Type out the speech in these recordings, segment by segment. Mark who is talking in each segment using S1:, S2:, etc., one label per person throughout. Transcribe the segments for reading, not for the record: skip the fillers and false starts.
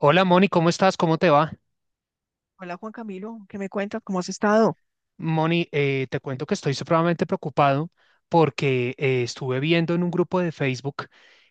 S1: Hola Moni, ¿cómo estás? ¿Cómo te va?
S2: Hola Juan Camilo, ¿qué me cuentas? ¿Cómo has estado?
S1: Moni, te cuento que estoy supremamente preocupado porque estuve viendo en un grupo de Facebook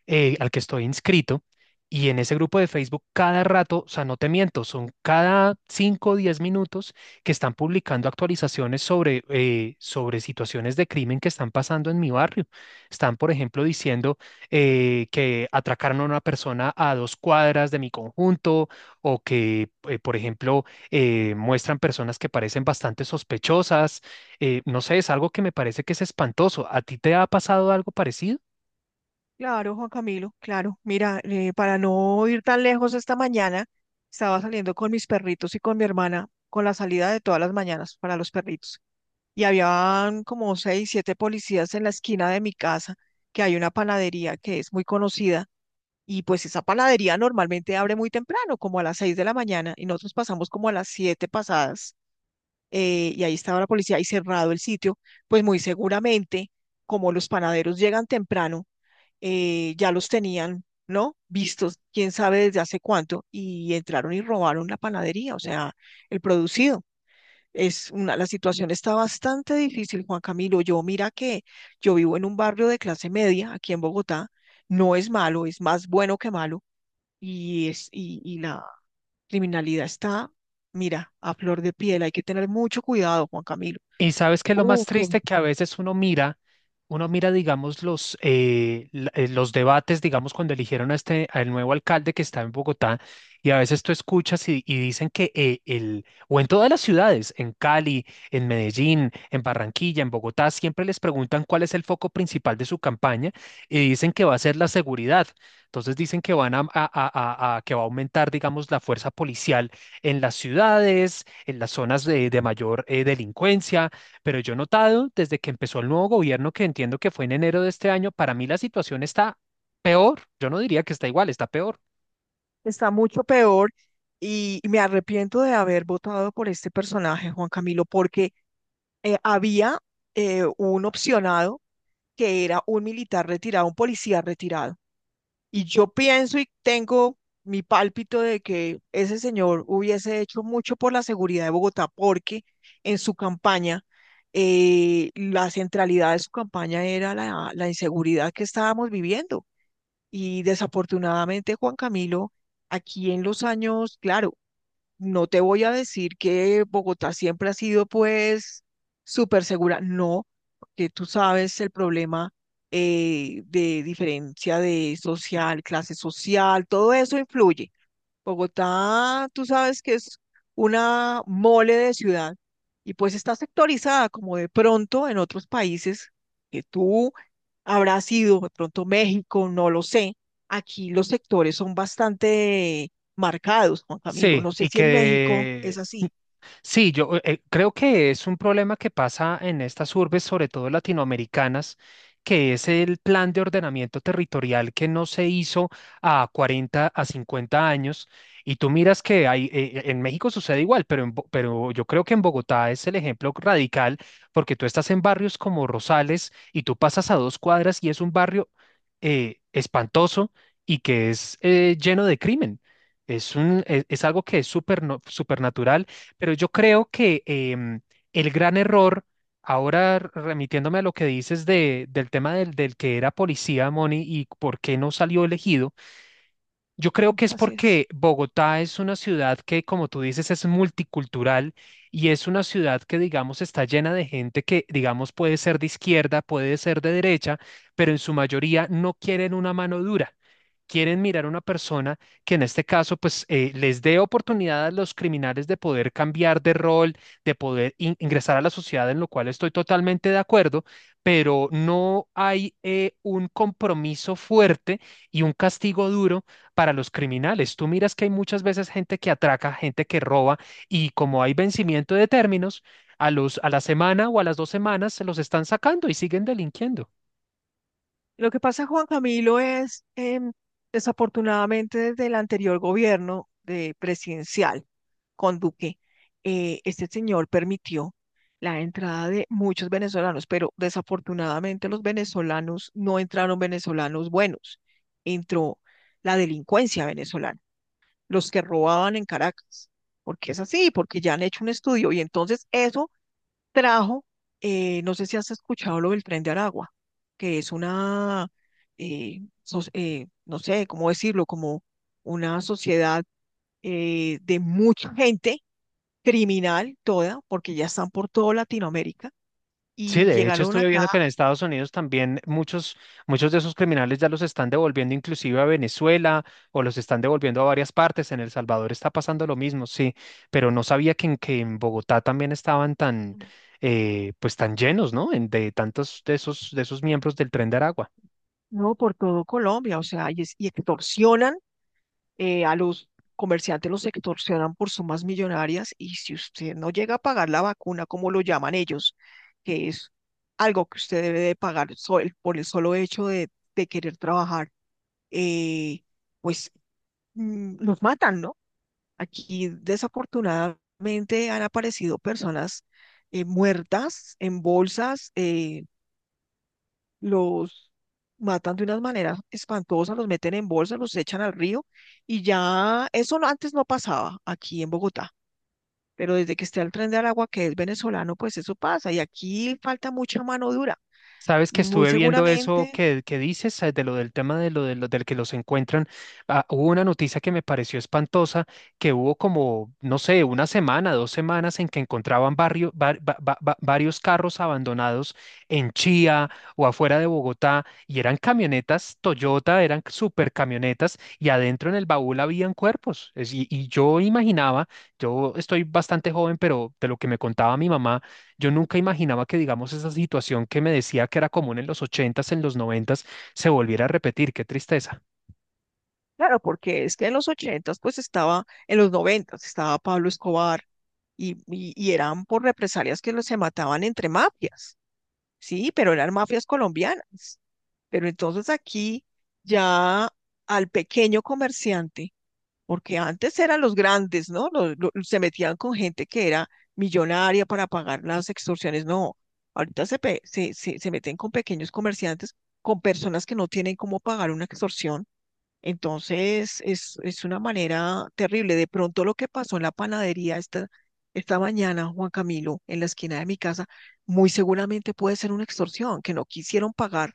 S1: al que estoy inscrito, y en ese grupo de Facebook cada rato, o sea, no te miento, son cada 5 o 10 minutos que están publicando actualizaciones sobre situaciones de crimen que están pasando en mi barrio. Están, por ejemplo, diciendo que atracaron a una persona a 2 cuadras de mi conjunto, o que, por ejemplo, muestran personas que parecen bastante sospechosas. No sé, es algo que me parece que es espantoso. ¿A ti te ha pasado algo parecido?
S2: Claro, Juan Camilo, claro. Mira, para no ir tan lejos esta mañana, estaba saliendo con mis perritos y con mi hermana con la salida de todas las mañanas para los perritos. Y habían como seis, siete policías en la esquina de mi casa, que hay una panadería que es muy conocida. Y pues esa panadería normalmente abre muy temprano, como a las 6 de la mañana, y nosotros pasamos como a las 7 pasadas, y ahí estaba la policía y cerrado el sitio, pues muy seguramente, como los panaderos llegan temprano, ya los tenían, ¿no? Vistos, quién sabe desde hace cuánto, y entraron y robaron la panadería, o sea, el producido. Es una, la situación está bastante difícil, Juan Camilo. Yo mira que yo vivo en un barrio de clase media aquí en Bogotá, no es malo, es más bueno que malo, y la criminalidad está, mira, a flor de piel. Hay que tener mucho cuidado, Juan Camilo.
S1: Y sabes que lo
S2: Uh,
S1: más
S2: que
S1: triste que a veces uno mira, digamos, los debates, digamos, cuando eligieron a este, al nuevo alcalde que está en Bogotá. Y a veces tú escuchas y dicen que o en todas las ciudades, en Cali, en Medellín, en Barranquilla, en Bogotá, siempre les preguntan cuál es el foco principal de su campaña, y dicen que va a ser la seguridad. Entonces dicen que van que va a aumentar, digamos, la fuerza policial en las ciudades, en las zonas de mayor delincuencia, pero yo he notado desde que empezó el nuevo gobierno, que entiendo que fue en enero de este año. Para mí la situación está peor. Yo no diría que está igual, está peor.
S2: está mucho peor, y me arrepiento de haber votado por este personaje, Juan Camilo, porque había un opcionado que era un militar retirado, un policía retirado. Y yo pienso y tengo mi pálpito de que ese señor hubiese hecho mucho por la seguridad de Bogotá, porque en su campaña, la centralidad de su campaña era la inseguridad que estábamos viviendo. Y desafortunadamente, Juan Camilo, aquí en los años, claro, no te voy a decir que Bogotá siempre ha sido pues súper segura, no, porque tú sabes el problema, de diferencia de social, clase social, todo eso influye. Bogotá, tú sabes que es una mole de ciudad y pues está sectorizada como de pronto en otros países que tú Habrá sido de pronto México, no lo sé. Aquí los sectores son bastante marcados, Juan Camilo.
S1: Sí,
S2: No sé
S1: y
S2: si en México es
S1: que.
S2: así.
S1: Sí, yo creo que es un problema que pasa en estas urbes, sobre todo latinoamericanas, que es el plan de ordenamiento territorial que no se hizo a 40 a 50 años. Y tú miras que hay, en México sucede igual, pero, pero yo creo que en Bogotá es el ejemplo radical, porque tú estás en barrios como Rosales y tú pasas a 2 cuadras y es un barrio espantoso y que es lleno de crimen. Es un, es algo que es súper no, pero yo creo que el gran error, ahora remitiéndome a lo que dices del tema del que era policía, Moni, y por qué no salió elegido, yo creo que es
S2: Así es.
S1: porque Bogotá es una ciudad que, como tú dices, es multicultural, y es una ciudad que, digamos, está llena de gente que, digamos, puede ser de izquierda, puede ser de derecha, pero en su mayoría no quieren una mano dura. Quieren mirar a una persona que en este caso, pues, les dé oportunidad a los criminales de poder cambiar de rol, de poder ingresar a la sociedad, en lo cual estoy totalmente de acuerdo, pero no hay un compromiso fuerte y un castigo duro para los criminales. Tú miras que hay muchas veces gente que atraca, gente que roba, y como hay vencimiento de términos, a la semana o a las 2 semanas se los están sacando y siguen delinquiendo.
S2: Lo que pasa, Juan Camilo, es desafortunadamente desde el anterior gobierno de presidencial con Duque, este señor permitió la entrada de muchos venezolanos, pero desafortunadamente los venezolanos no entraron venezolanos buenos, entró la delincuencia venezolana. Los que robaban en Caracas, porque es así, porque ya han hecho un estudio y entonces eso trajo, no sé si has escuchado lo del tren de Aragua, que es una, no sé cómo decirlo, como una sociedad, de mucha gente criminal toda, porque ya están por toda Latinoamérica
S1: Sí,
S2: y
S1: de hecho
S2: llegaron
S1: estuve
S2: acá,
S1: viendo que en Estados Unidos también muchos de esos criminales ya los están devolviendo inclusive a Venezuela, o los están devolviendo a varias partes. En El Salvador está pasando lo mismo. Sí, pero no sabía que en Bogotá también estaban tan, pues tan llenos, ¿no? De tantos de esos miembros del Tren de Aragua.
S2: no, por todo Colombia, o sea, y extorsionan, a los comerciantes los extorsionan por sumas millonarias, y si usted no llega a pagar la vacuna, como lo llaman ellos, que es algo que usted debe de pagar, por el solo hecho de querer trabajar, eh, pues los matan, ¿no? Aquí desafortunadamente han aparecido personas, muertas en bolsas. Los matan de unas maneras espantosas, los meten en bolsa, los echan al río, y ya eso antes no pasaba aquí en Bogotá, pero desde que está el Tren del Agua, que es venezolano, pues eso pasa y aquí falta mucha mano dura.
S1: Sabes que
S2: Muy
S1: estuve viendo eso
S2: seguramente.
S1: que dices, de lo del tema de lo del que los encuentran. Ah, hubo una noticia que me pareció espantosa, que hubo como, no sé, una semana, 2 semanas en que encontraban barrio, var- va- va- va- varios carros abandonados en Chía o afuera de Bogotá, y eran camionetas Toyota, eran super camionetas, y adentro en el baúl habían cuerpos. Y yo imaginaba, yo estoy bastante joven, pero de lo que me contaba mi mamá. Yo nunca imaginaba que, digamos, esa situación que me decía que era común en los ochentas, en los noventas, se volviera a repetir. Qué tristeza.
S2: Claro, porque es que en los ochentas, pues estaba, en los noventas estaba Pablo Escobar, y eran por represalias que los, se mataban entre mafias, sí, pero eran mafias colombianas. Pero entonces aquí ya al pequeño comerciante, porque antes eran los grandes, ¿no? Se metían con gente que era millonaria para pagar las extorsiones, no. Ahorita se, pe- se meten con pequeños comerciantes, con personas que no tienen cómo pagar una extorsión, entonces es una manera terrible. De pronto lo que pasó en la panadería esta, esta mañana, Juan Camilo, en la esquina de mi casa, muy seguramente puede ser una extorsión, que no quisieron pagar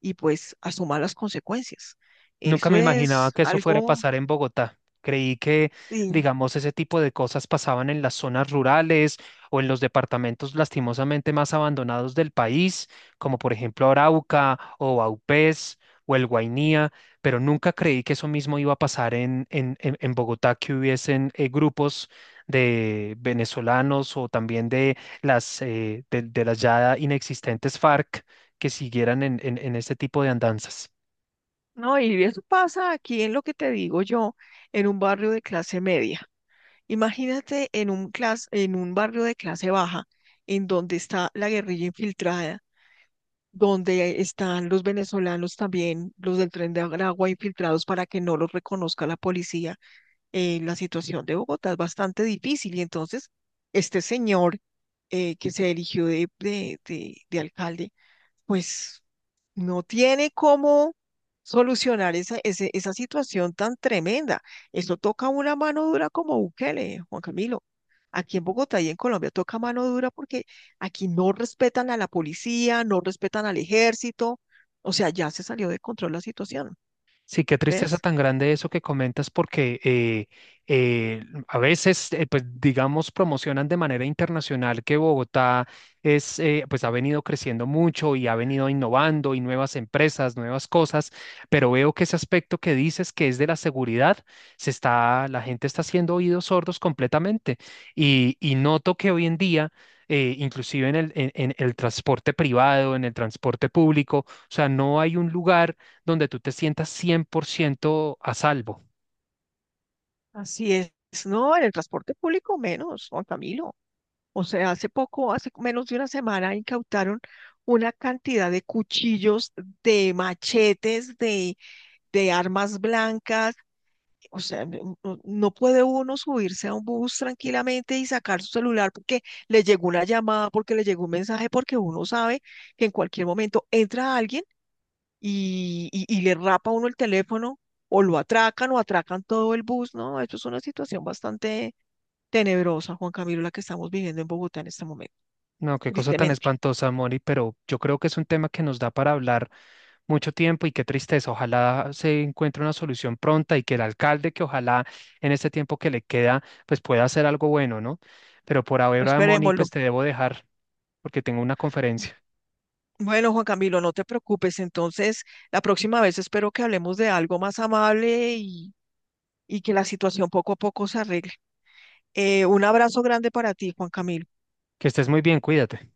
S2: y pues asuma las consecuencias.
S1: Nunca
S2: Eso
S1: me imaginaba
S2: es
S1: que eso fuera a
S2: algo,
S1: pasar en Bogotá. Creí que,
S2: sí,
S1: digamos, ese tipo de cosas pasaban en las zonas rurales o en los departamentos lastimosamente más abandonados del país, como por ejemplo Arauca o Vaupés o el Guainía, pero nunca creí que eso mismo iba a pasar en Bogotá, que hubiesen grupos de venezolanos, o también de las ya inexistentes FARC que siguieran en este tipo de andanzas.
S2: no, y eso pasa aquí en lo que te digo yo, en un barrio de clase media. Imagínate en un en un barrio de clase baja, en donde está la guerrilla infiltrada, donde están los venezolanos también, los del Tren de Aragua infiltrados para que no los reconozca la policía. La situación de Bogotá es bastante difícil y entonces este señor, que se eligió de, de alcalde, pues no tiene cómo solucionar esa, esa situación tan tremenda. Esto toca una mano dura como Bukele, Juan Camilo. Aquí en Bogotá y en Colombia toca mano dura porque aquí no respetan a la policía, no respetan al ejército. O sea, ya se salió de control la situación,
S1: Sí, qué tristeza
S2: ¿ves?
S1: tan grande eso que comentas porque a veces, pues digamos, promocionan de manera internacional que Bogotá es, pues ha venido creciendo mucho y ha venido innovando y nuevas empresas, nuevas cosas, pero veo que ese aspecto que dices que es de la seguridad, se está, la gente está haciendo oídos sordos completamente, y noto que hoy en día, inclusive en el, en el transporte privado, en el transporte público, o sea, no hay un lugar donde tú te sientas 100% a salvo.
S2: Así es. No, en el transporte público menos, Juan Camilo. O sea, hace poco, hace menos de una semana, incautaron una cantidad de cuchillos, de machetes, de armas blancas. O sea, no, no, no puede uno subirse a un bus tranquilamente y sacar su celular porque le llegó una llamada, porque le llegó un mensaje, porque uno sabe que en cualquier momento entra alguien y le rapa a uno el teléfono o lo atracan o atracan todo el bus, ¿no? Esto es una situación bastante tenebrosa, Juan Camilo, la que estamos viviendo en Bogotá en este momento,
S1: No, qué cosa tan
S2: tristemente.
S1: espantosa, Moni, pero yo creo que es un tema que nos da para hablar mucho tiempo, y qué tristeza. Ojalá se encuentre una solución pronta, y que el alcalde, que ojalá en este tiempo que le queda, pues pueda hacer algo bueno, ¿no? Pero por ahora, Moni,
S2: Esperémoslo.
S1: pues te debo dejar porque tengo una conferencia.
S2: Bueno, Juan Camilo, no te preocupes. Entonces, la próxima vez espero que hablemos de algo más amable y que la situación poco a poco se arregle. Un abrazo grande para ti, Juan Camilo.
S1: Que estés muy bien, cuídate.